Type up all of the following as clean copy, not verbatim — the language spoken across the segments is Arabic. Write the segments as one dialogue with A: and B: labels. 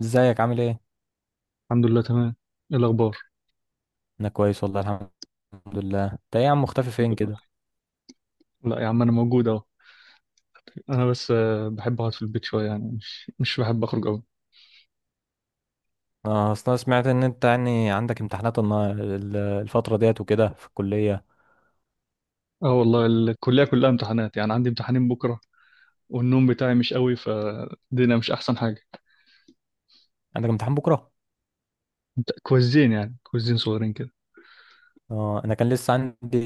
A: ازيك عامل ايه؟
B: الحمد لله تمام. ايه الاخبار؟
A: انا كويس والله الحمد لله. انت ايه يا عم، مختفي فين كده؟
B: لا يا عم انا موجود اهو. انا بس بحب اقعد في البيت شويه، يعني مش بحب اخرج قوي.
A: اه، اصل انا سمعت ان انت يعني عندك امتحانات الفتره ديت وكده في الكليه.
B: اه والله الكليه كلها امتحانات، يعني عندي امتحانين بكره، والنوم بتاعي مش قوي، فالدنيا مش احسن حاجه.
A: عندك امتحان بكره؟
B: كويزين، يعني كويزين صغيرين كده.
A: اه، انا كان لسه عندي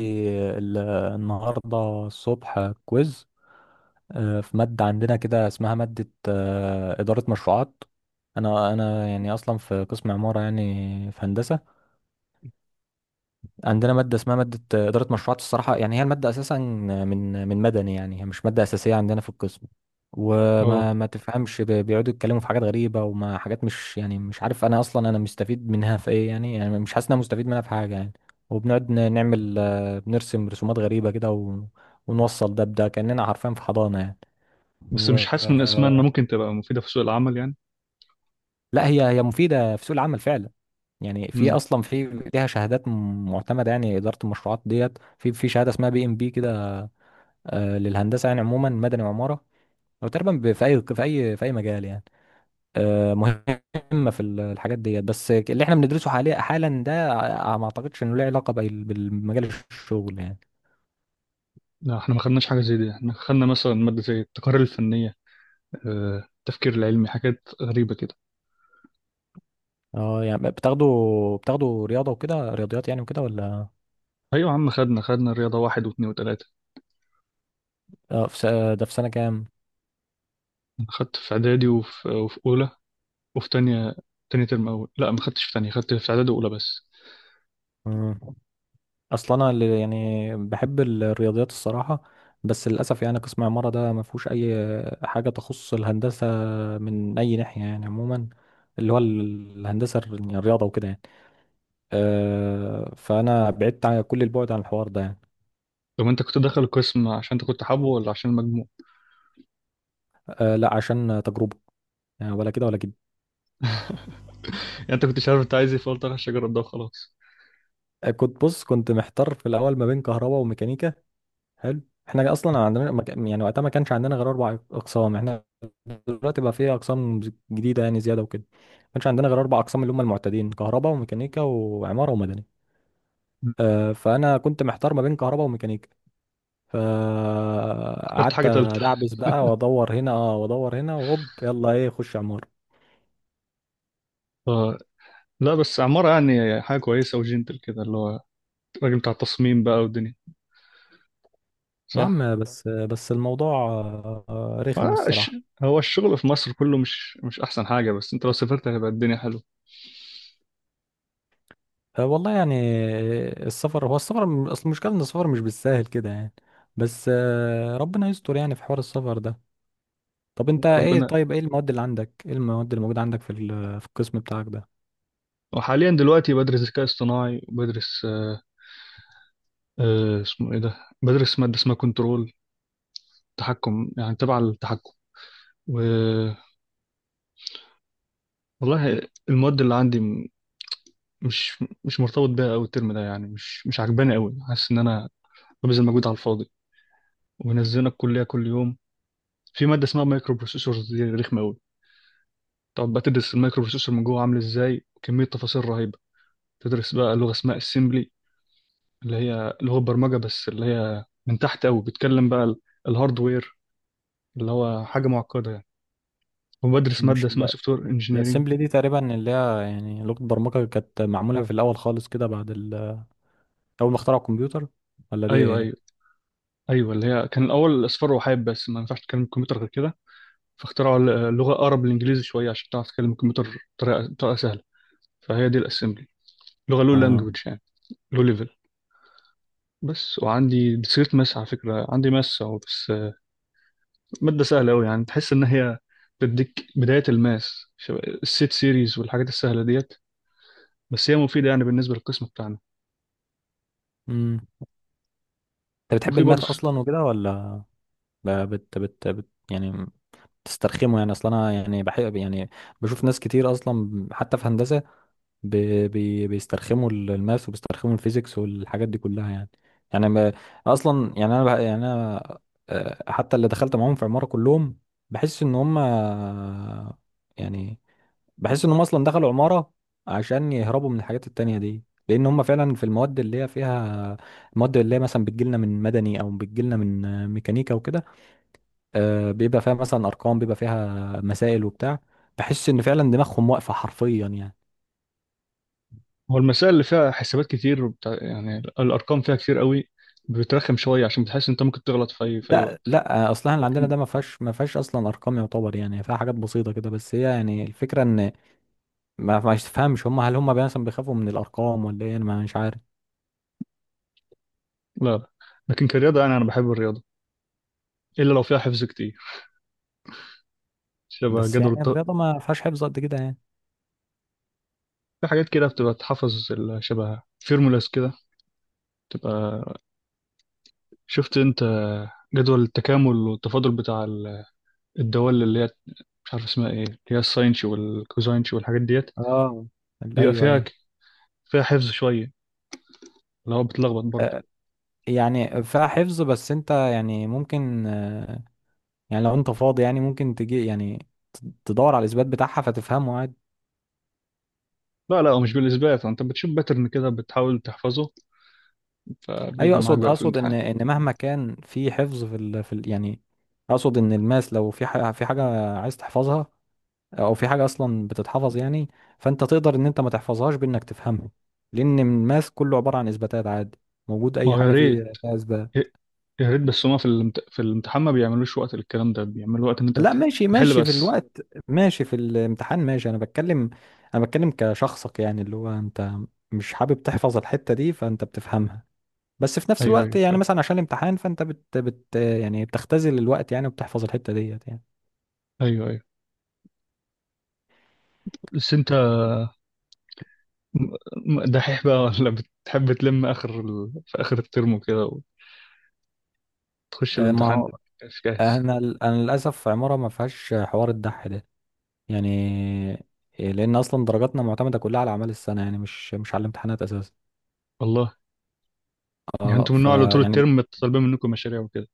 A: ال- النهارده الصبح كويز. اه، في ماده عندنا كده اسمها ماده، اداره مشروعات. انا يعني اصلا في قسم عماره يعني، في هندسه. عندنا مادة اسمها مادة إدارة مشروعات، الصراحة يعني هي المادة أساسا من مدني، يعني هي مش مادة أساسية عندنا في القسم.
B: اه
A: وما ما تفهمش، بيقعدوا يتكلموا في حاجات غريبة، وما حاجات، مش يعني مش عارف أنا أصلا أنا مستفيد منها في إيه يعني. مش حاسس إن أنا مستفيد منها في حاجة يعني. وبنقعد نعمل، بنرسم رسومات غريبة كده ونوصل ده بده، كأننا حرفيا في حضانة يعني.
B: بس
A: و...
B: مش حاسس من اسمها انها
A: آه،
B: ممكن تبقى مفيده في سوق العمل يعني.
A: لا، هي مفيدة في سوق العمل فعلا. يعني في
B: امم.
A: أصلا، في ليها شهادات معتمدة يعني، إدارة المشروعات ديت، في شهادة اسمها بي إم بي كده، للهندسه يعني عموما، مدني وعماره، او تقريبا في اي، في اي مجال يعني. مهمه في الحاجات ديت، بس اللي احنا بندرسه حاليا حالا ده، ما اعتقدش انه له علاقه بالمجال، الشغل يعني.
B: لا احنا ما خدناش حاجه زي دي، احنا خدنا مثلا ماده زي التقارير الفنيه، التفكير العلمي، حاجات غريبه كده.
A: اه يعني، بتاخدوا رياضه وكده، رياضيات يعني وكده ولا؟
B: ايوه يا عم خدنا الرياضه واحد واثنين وثلاثه.
A: اه، ده في سنه كام؟
B: انا خدت في اعدادي وفي اولى وفي تانية. تاني ترم أول لا، ما خدتش في تانية، خدت في إعدادي وأولى بس.
A: مم. اصل انا اللي يعني بحب الرياضيات الصراحه، بس للاسف يعني قسم عماره ده ما فيهوش اي حاجه تخص الهندسه، من اي ناحيه يعني عموما، اللي هو الهندسه يعني الرياضه وكده يعني. أه فانا بعدت عن كل البعد عن الحوار ده يعني.
B: طب أنت كنت داخل القسم عشان أنت كنت حابه ولا عشان المجموع؟
A: أه لا عشان تجربه، يعني ولا كده ولا كده.
B: يعني أنت كنتش عارف أنت عايز إيه، فقلت أخش أجرب ده وخلاص.
A: كنت بص، كنت محتار في الاول ما بين كهرباء وميكانيكا. حلو. احنا اصلا عندنا ما كان- يعني وقتها ما كانش عندنا غير اربع اقسام، احنا دلوقتي بقى في اقسام جديده يعني، زياده وكده. ما كانش عندنا غير اربع اقسام، اللي هم المعتادين كهرباء وميكانيكا وعماره ومدني. فانا كنت محتار ما بين كهرباء وميكانيكا،
B: اخترت
A: فقعدت
B: حاجة تالتة.
A: ادعبس بقى وادور هنا، وادور هنا، وهوب يلا ايه خش عماره.
B: ف... لا بس عمارة، يعني حاجة كويسة وجنتل كده، اللي هو الراجل بتاع التصميم بقى والدنيا.
A: يا
B: صح؟
A: عم بس الموضوع رخم
B: آه، الش-
A: الصراحه.
B: هو الشغل في مصر كله مش أحسن حاجة، بس أنت لو سافرت هيبقى الدنيا حلوة.
A: أه والله يعني، السفر هو السفر، اصل المشكله ان السفر مش بالساهل كده يعني. بس ربنا يستر يعني في حوار السفر ده. طب انت ايه،
B: ربنا.
A: طيب ايه المواد اللي عندك، ايه المواد اللي موجوده عندك في في القسم بتاعك ده؟
B: وحاليا دلوقتي بدرس ذكاء اصطناعي، وبدرس اسمه إيه ده؟ بدرس مادة اسمها كنترول، تحكم، يعني تبع التحكم. والله المواد اللي عندي مش مرتبط بيها قوي الترم ده، يعني مش عجباني قوي، حاسس ان انا ببذل مجهود على الفاضي، ومنزلنا الكليه كل يوم. في ماده اسمها مايكرو بروسيسورز، دي رخمه قوي. تقعد بقى تدرس المايكرو بروسيسور من جوه عامل ازاي، وكميه تفاصيل رهيبه. تدرس بقى لغه اسمها اسمبلي، اللي هي لغه برمجه، بس اللي هي من تحت قوي، بتكلم بقى الهاردوير، اللي هو حاجه معقده يعني. وبدرس ماده
A: مش
B: اسمها
A: ال-
B: سوفت وير انجينيرنج.
A: الاسمبلي دي تقريبا اللي هي يعني لغه برمجه كانت معموله في الاول خالص كده، بعد اول ما اخترعوا الكمبيوتر، ولا دي
B: ايوه،
A: ايه؟
B: ايوه. ايوه اللي هي كان الاول اصفار وحاب، بس ما ينفعش تتكلم الكمبيوتر غير كده، فاخترعوا اللغة أقرب للإنجليزي شوية عشان تعرف تتكلم الكمبيوتر بطريقة سهلة. فهي دي الأسمبلي، لغة لو
A: اه.
B: لانجوج يعني، لو ليفل. بس وعندي ديسكريت ماس على فكرة، عندي ماس أهو بس. مادة سهلة أوي، يعني تحس إن هي بتديك بداية الماس، شبه السيت سيريز والحاجات السهلة ديت. بس هي مفيدة يعني بالنسبة للقسم بتاعنا.
A: امم انت بتحب
B: وفي برضه.
A: الماث اصلا وكده ولا يعني تسترخمه يعني؟ اصلا انا يعني بحب يعني، بشوف ناس كتير اصلا حتى في هندسه بيسترخموا الماث وبيسترخموا الفيزيكس والحاجات دي كلها يعني. يعني ما، اصلا يعني انا يعني انا، حتى اللي دخلت معاهم في عمارة كلهم، بحس ان هم، يعني بحس ان هم اصلا دخلوا عمارة عشان يهربوا من الحاجات التانية دي، لان هم فعلا في المواد اللي هي فيها، المواد اللي هي مثلا بتجيلنا من مدني او بتجيلنا من، ميكانيكا وكده، بيبقى فيها مثلا ارقام، بيبقى فيها مسائل وبتاع، بحس ان فعلا دماغهم واقفة حرفيا يعني.
B: هو المسائل اللي فيها حسابات كتير وبتاع، يعني الأرقام فيها كتير أوي، بترخم شوية، عشان بتحس إن أنت ممكن تغلط في أي في أي
A: لا
B: وقت.
A: لا، اصلا اللي عندنا
B: لكن
A: ده ما فيهاش اصلا ارقام يعتبر، يعني فيها حاجات بسيطه كده، بس هي يعني الفكره ان، ما تفهمش هم، هل هم مثلا بيخافوا من الارقام ولا ايه، انا مش عارف.
B: لا، لا. لكن كرياضة يعني أنا بحب الرياضة، إلا لو فيها حفظ كتير، شبه
A: بس يعني الرياضه ما فيهاش حفظ قد كده يعني.
B: في حاجات كده بتبقى تحفظ شبه فيرمولاس كده، تبقى شفت انت جدول التكامل والتفاضل بتاع الدوال، اللي هي مش عارف اسمها ايه، اللي هي الساينش والكوزاينش والحاجات ديت،
A: اه،
B: بيبقى
A: ايوه
B: فيها
A: ايوه،
B: ك- فيها حفظ شوية، اللي هو بتلخبط برضه.
A: آه، يعني فيها حفظ. بس انت يعني ممكن، يعني لو انت فاضي يعني ممكن تجي يعني تدور على الاثبات بتاعها فتفهمه عادي.
B: لا، لا، هو مش بالإثبات، انت بتشوف باترن كده بتحاول تحفظه،
A: ايوه،
B: فبيجي معاك
A: اقصد
B: بقى في
A: اقصد ان
B: الامتحان.
A: ان مهما كان في حفظ، يعني، اقصد ان الماس لو في حاجه عايز تحفظها، او في حاجه اصلا بتتحفظ يعني، فانت تقدر ان انت ما تحفظهاش بانك تفهمها، لان الماث كله عباره عن اثباتات عادي. موجود
B: ما
A: اي
B: هو يا
A: حاجه فيه
B: ريت،
A: فيها اثبات.
B: يا ريت، بس هما في في الامتحان ما بيعملوش وقت للكلام ده، بيعملوا وقت ان انت
A: لا ماشي،
B: تحل
A: ماشي في
B: بس.
A: الوقت. ماشي في الامتحان، ماشي. انا بتكلم كشخصك يعني، اللي هو انت مش حابب تحفظ الحته دي فانت بتفهمها، بس في نفس
B: ايوه،
A: الوقت
B: ايوه
A: يعني
B: فاهم.
A: مثلا عشان الامتحان فانت بت, بت يعني بتختزل الوقت يعني وبتحفظ الحته ديت يعني.
B: ايوه، ايوه. بس انت دحيح بقى ولا بتحب تلم اخر في اخر الترم كده، وتخش
A: ما
B: الامتحان
A: هو
B: مش جاهز؟
A: انا للاسف عماره ما فيهاش حوار الدح ده يعني. لان اصلا درجاتنا معتمده كلها على اعمال السنه، يعني مش على الامتحانات اساسا.
B: والله. يعني
A: اه
B: انتوا من النوع اللي طول
A: فيعني،
B: الترم طالبين منكم مشاريع وكده.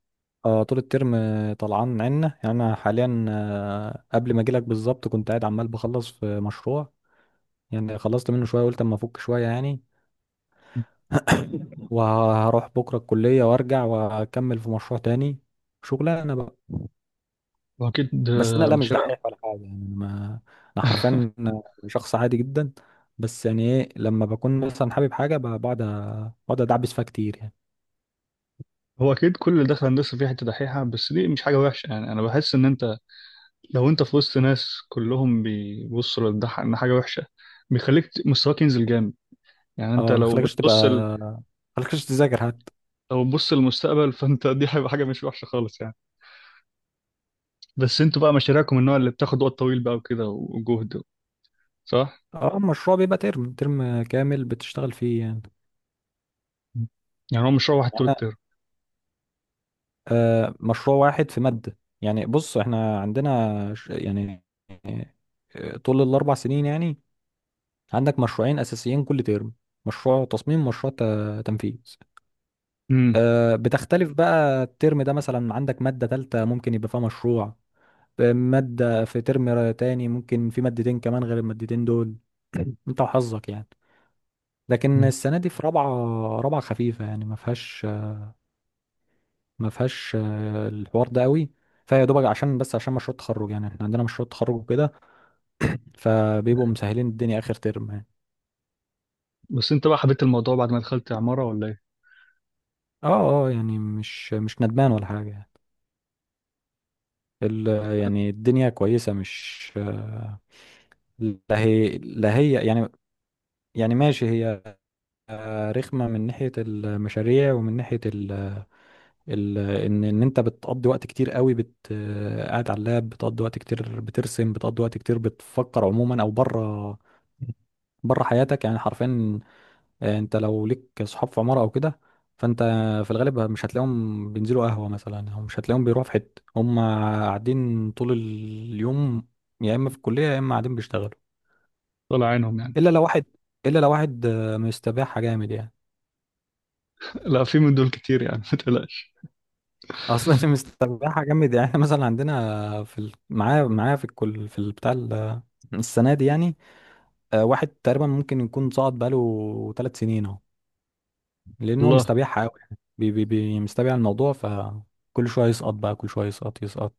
A: اه طول الترم طلعان عنا يعني. انا حاليا، قبل ما اجيلك بالظبط، كنت قاعد عمال بخلص في مشروع، يعني خلصت منه شويه قلت اما افك شويه يعني، وهروح بكره الكليه وارجع واكمل في مشروع تاني، شغلانه بقى.
B: هو اكيد
A: بس انا لا، مش
B: مشاريع.
A: دحيح ولا حاجه يعني، انا ما، انا حرفيا شخص عادي جدا. بس يعني ايه، لما بكون مثلا حابب حاجه بقعد ادعبس فيها كتير يعني.
B: هو اكيد كل اللي داخل هندسه فيه حته دحيحه، بس دي مش حاجه وحشه، يعني انا بحس ان انت لو انت في وسط ناس كلهم بيبصوا للدح ان حاجه وحشه، بيخليك مستواك ينزل جامد. يعني انت
A: اه، ما
B: لو
A: خلكش
B: بتبص
A: تبقى، ما خلكش تذاكر حتى.
B: لو بتبص للمستقبل فانت دي هيبقى حاجه مش وحشه خالص يعني. بس انتوا بقى مشاريعكم من النوع اللي بتاخد وقت طويل بقى وكده وجهد. صح.
A: اه المشروع بيبقى ترم كامل بتشتغل فيه يعني،
B: مم. يعني هو مش هو واحد
A: يعني
B: طول
A: انا،
B: الترم.
A: آه مشروع واحد في مادة. يعني بص، احنا عندنا يعني، طول الاربع سنين يعني عندك مشروعين اساسيين كل ترم، مشروع تصميم، مشروع تنفيذ.
B: امم.
A: آه بتختلف بقى، الترم ده مثلا عندك مادة تالتة ممكن يبقى فيها مشروع، مادة في ترم تاني ممكن في مادتين كمان غير المادتين دول. انت وحظك يعني. لكن
B: أمم.
A: السنه دي في رابعه، رابعه خفيفه يعني، ما فيهاش، ما فيهاش الحوار ده قوي، فيا دوبك عشان بس مشروع التخرج، يعني احنا عندنا مشروع تخرج وكده فبيبقوا مسهلين الدنيا اخر ترم يعني.
B: بس انت بقى حبيت الموضوع بعد ما دخلت عمارة ولا ايه؟
A: اه اه، يعني مش ندمان ولا حاجه يعني. ال يعني الدنيا كويسه، مش، لا هي يعني، يعني ماشي هي، رخمه من ناحيه المشاريع ومن ناحيه ان انت بتقضي وقت كتير قوي قاعد على اللاب، بتقضي وقت كتير بترسم، بتقضي وقت كتير بتفكر عموما، او بره، بره حياتك يعني حرفيا. انت لو ليك صحاب في عمارة او كده، فانت في الغالب مش هتلاقيهم بينزلوا قهوة مثلا، او مش هتلاقيهم بيروحوا في حتة، هم قاعدين طول اليوم يا اما في الكلية يا اما قاعدين بيشتغلوا.
B: طلع عينهم يعني.
A: الا لو واحد، الا لو واحد مستباحة جامد يعني.
B: لا، في من دول كتير يعني ما تقلقش.
A: اصلا اللي مستباحة جامد يعني، مثلا عندنا معايا في الكل في البتاع، السنه دي يعني، واحد تقريبا ممكن يكون صعد بقاله 3 سنين اهو، لان هو
B: والله.
A: مستبيعها قوي يعني، بي بي بي مستبيع الموضوع. فكل شويه يسقط بقى، كل شويه يسقط يسقط.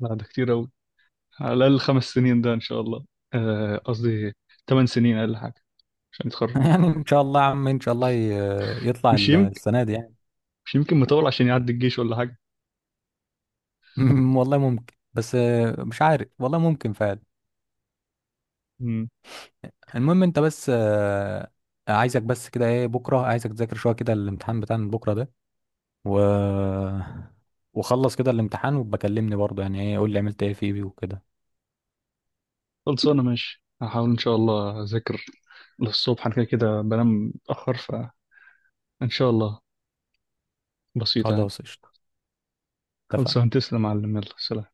B: لا ده كتير قوي، على الاقل 5 سنين ده ان شاء الله، قصدي 8 سنين اقل حاجة عشان يتخرج.
A: يعني ان شاء الله يا عم، ان شاء الله يطلع
B: مش يمكن،
A: السنه دي يعني.
B: مش يمكن مطول عشان يعدي الجيش ولا حاجة؟
A: والله ممكن، بس مش عارف والله، ممكن فعلا.
B: امم.
A: المهم انت بس، عايزك بس كده، ايه بكره عايزك تذاكر شويه كده الامتحان بتاع بكره ده، و وخلص كده الامتحان وبكلمني برضه يعني، ايه قول لي عملت ايه فيه وكده.
B: خلصانة ماشي، هحاول ان شاء الله اذاكر للصبح، انا كده كده بنام متأخر، فان شاء الله بسيطة يعني.
A: خلاص قشطه.
B: خلصان
A: اتفقنا.
B: تسلم يا معلم، يلا سلام.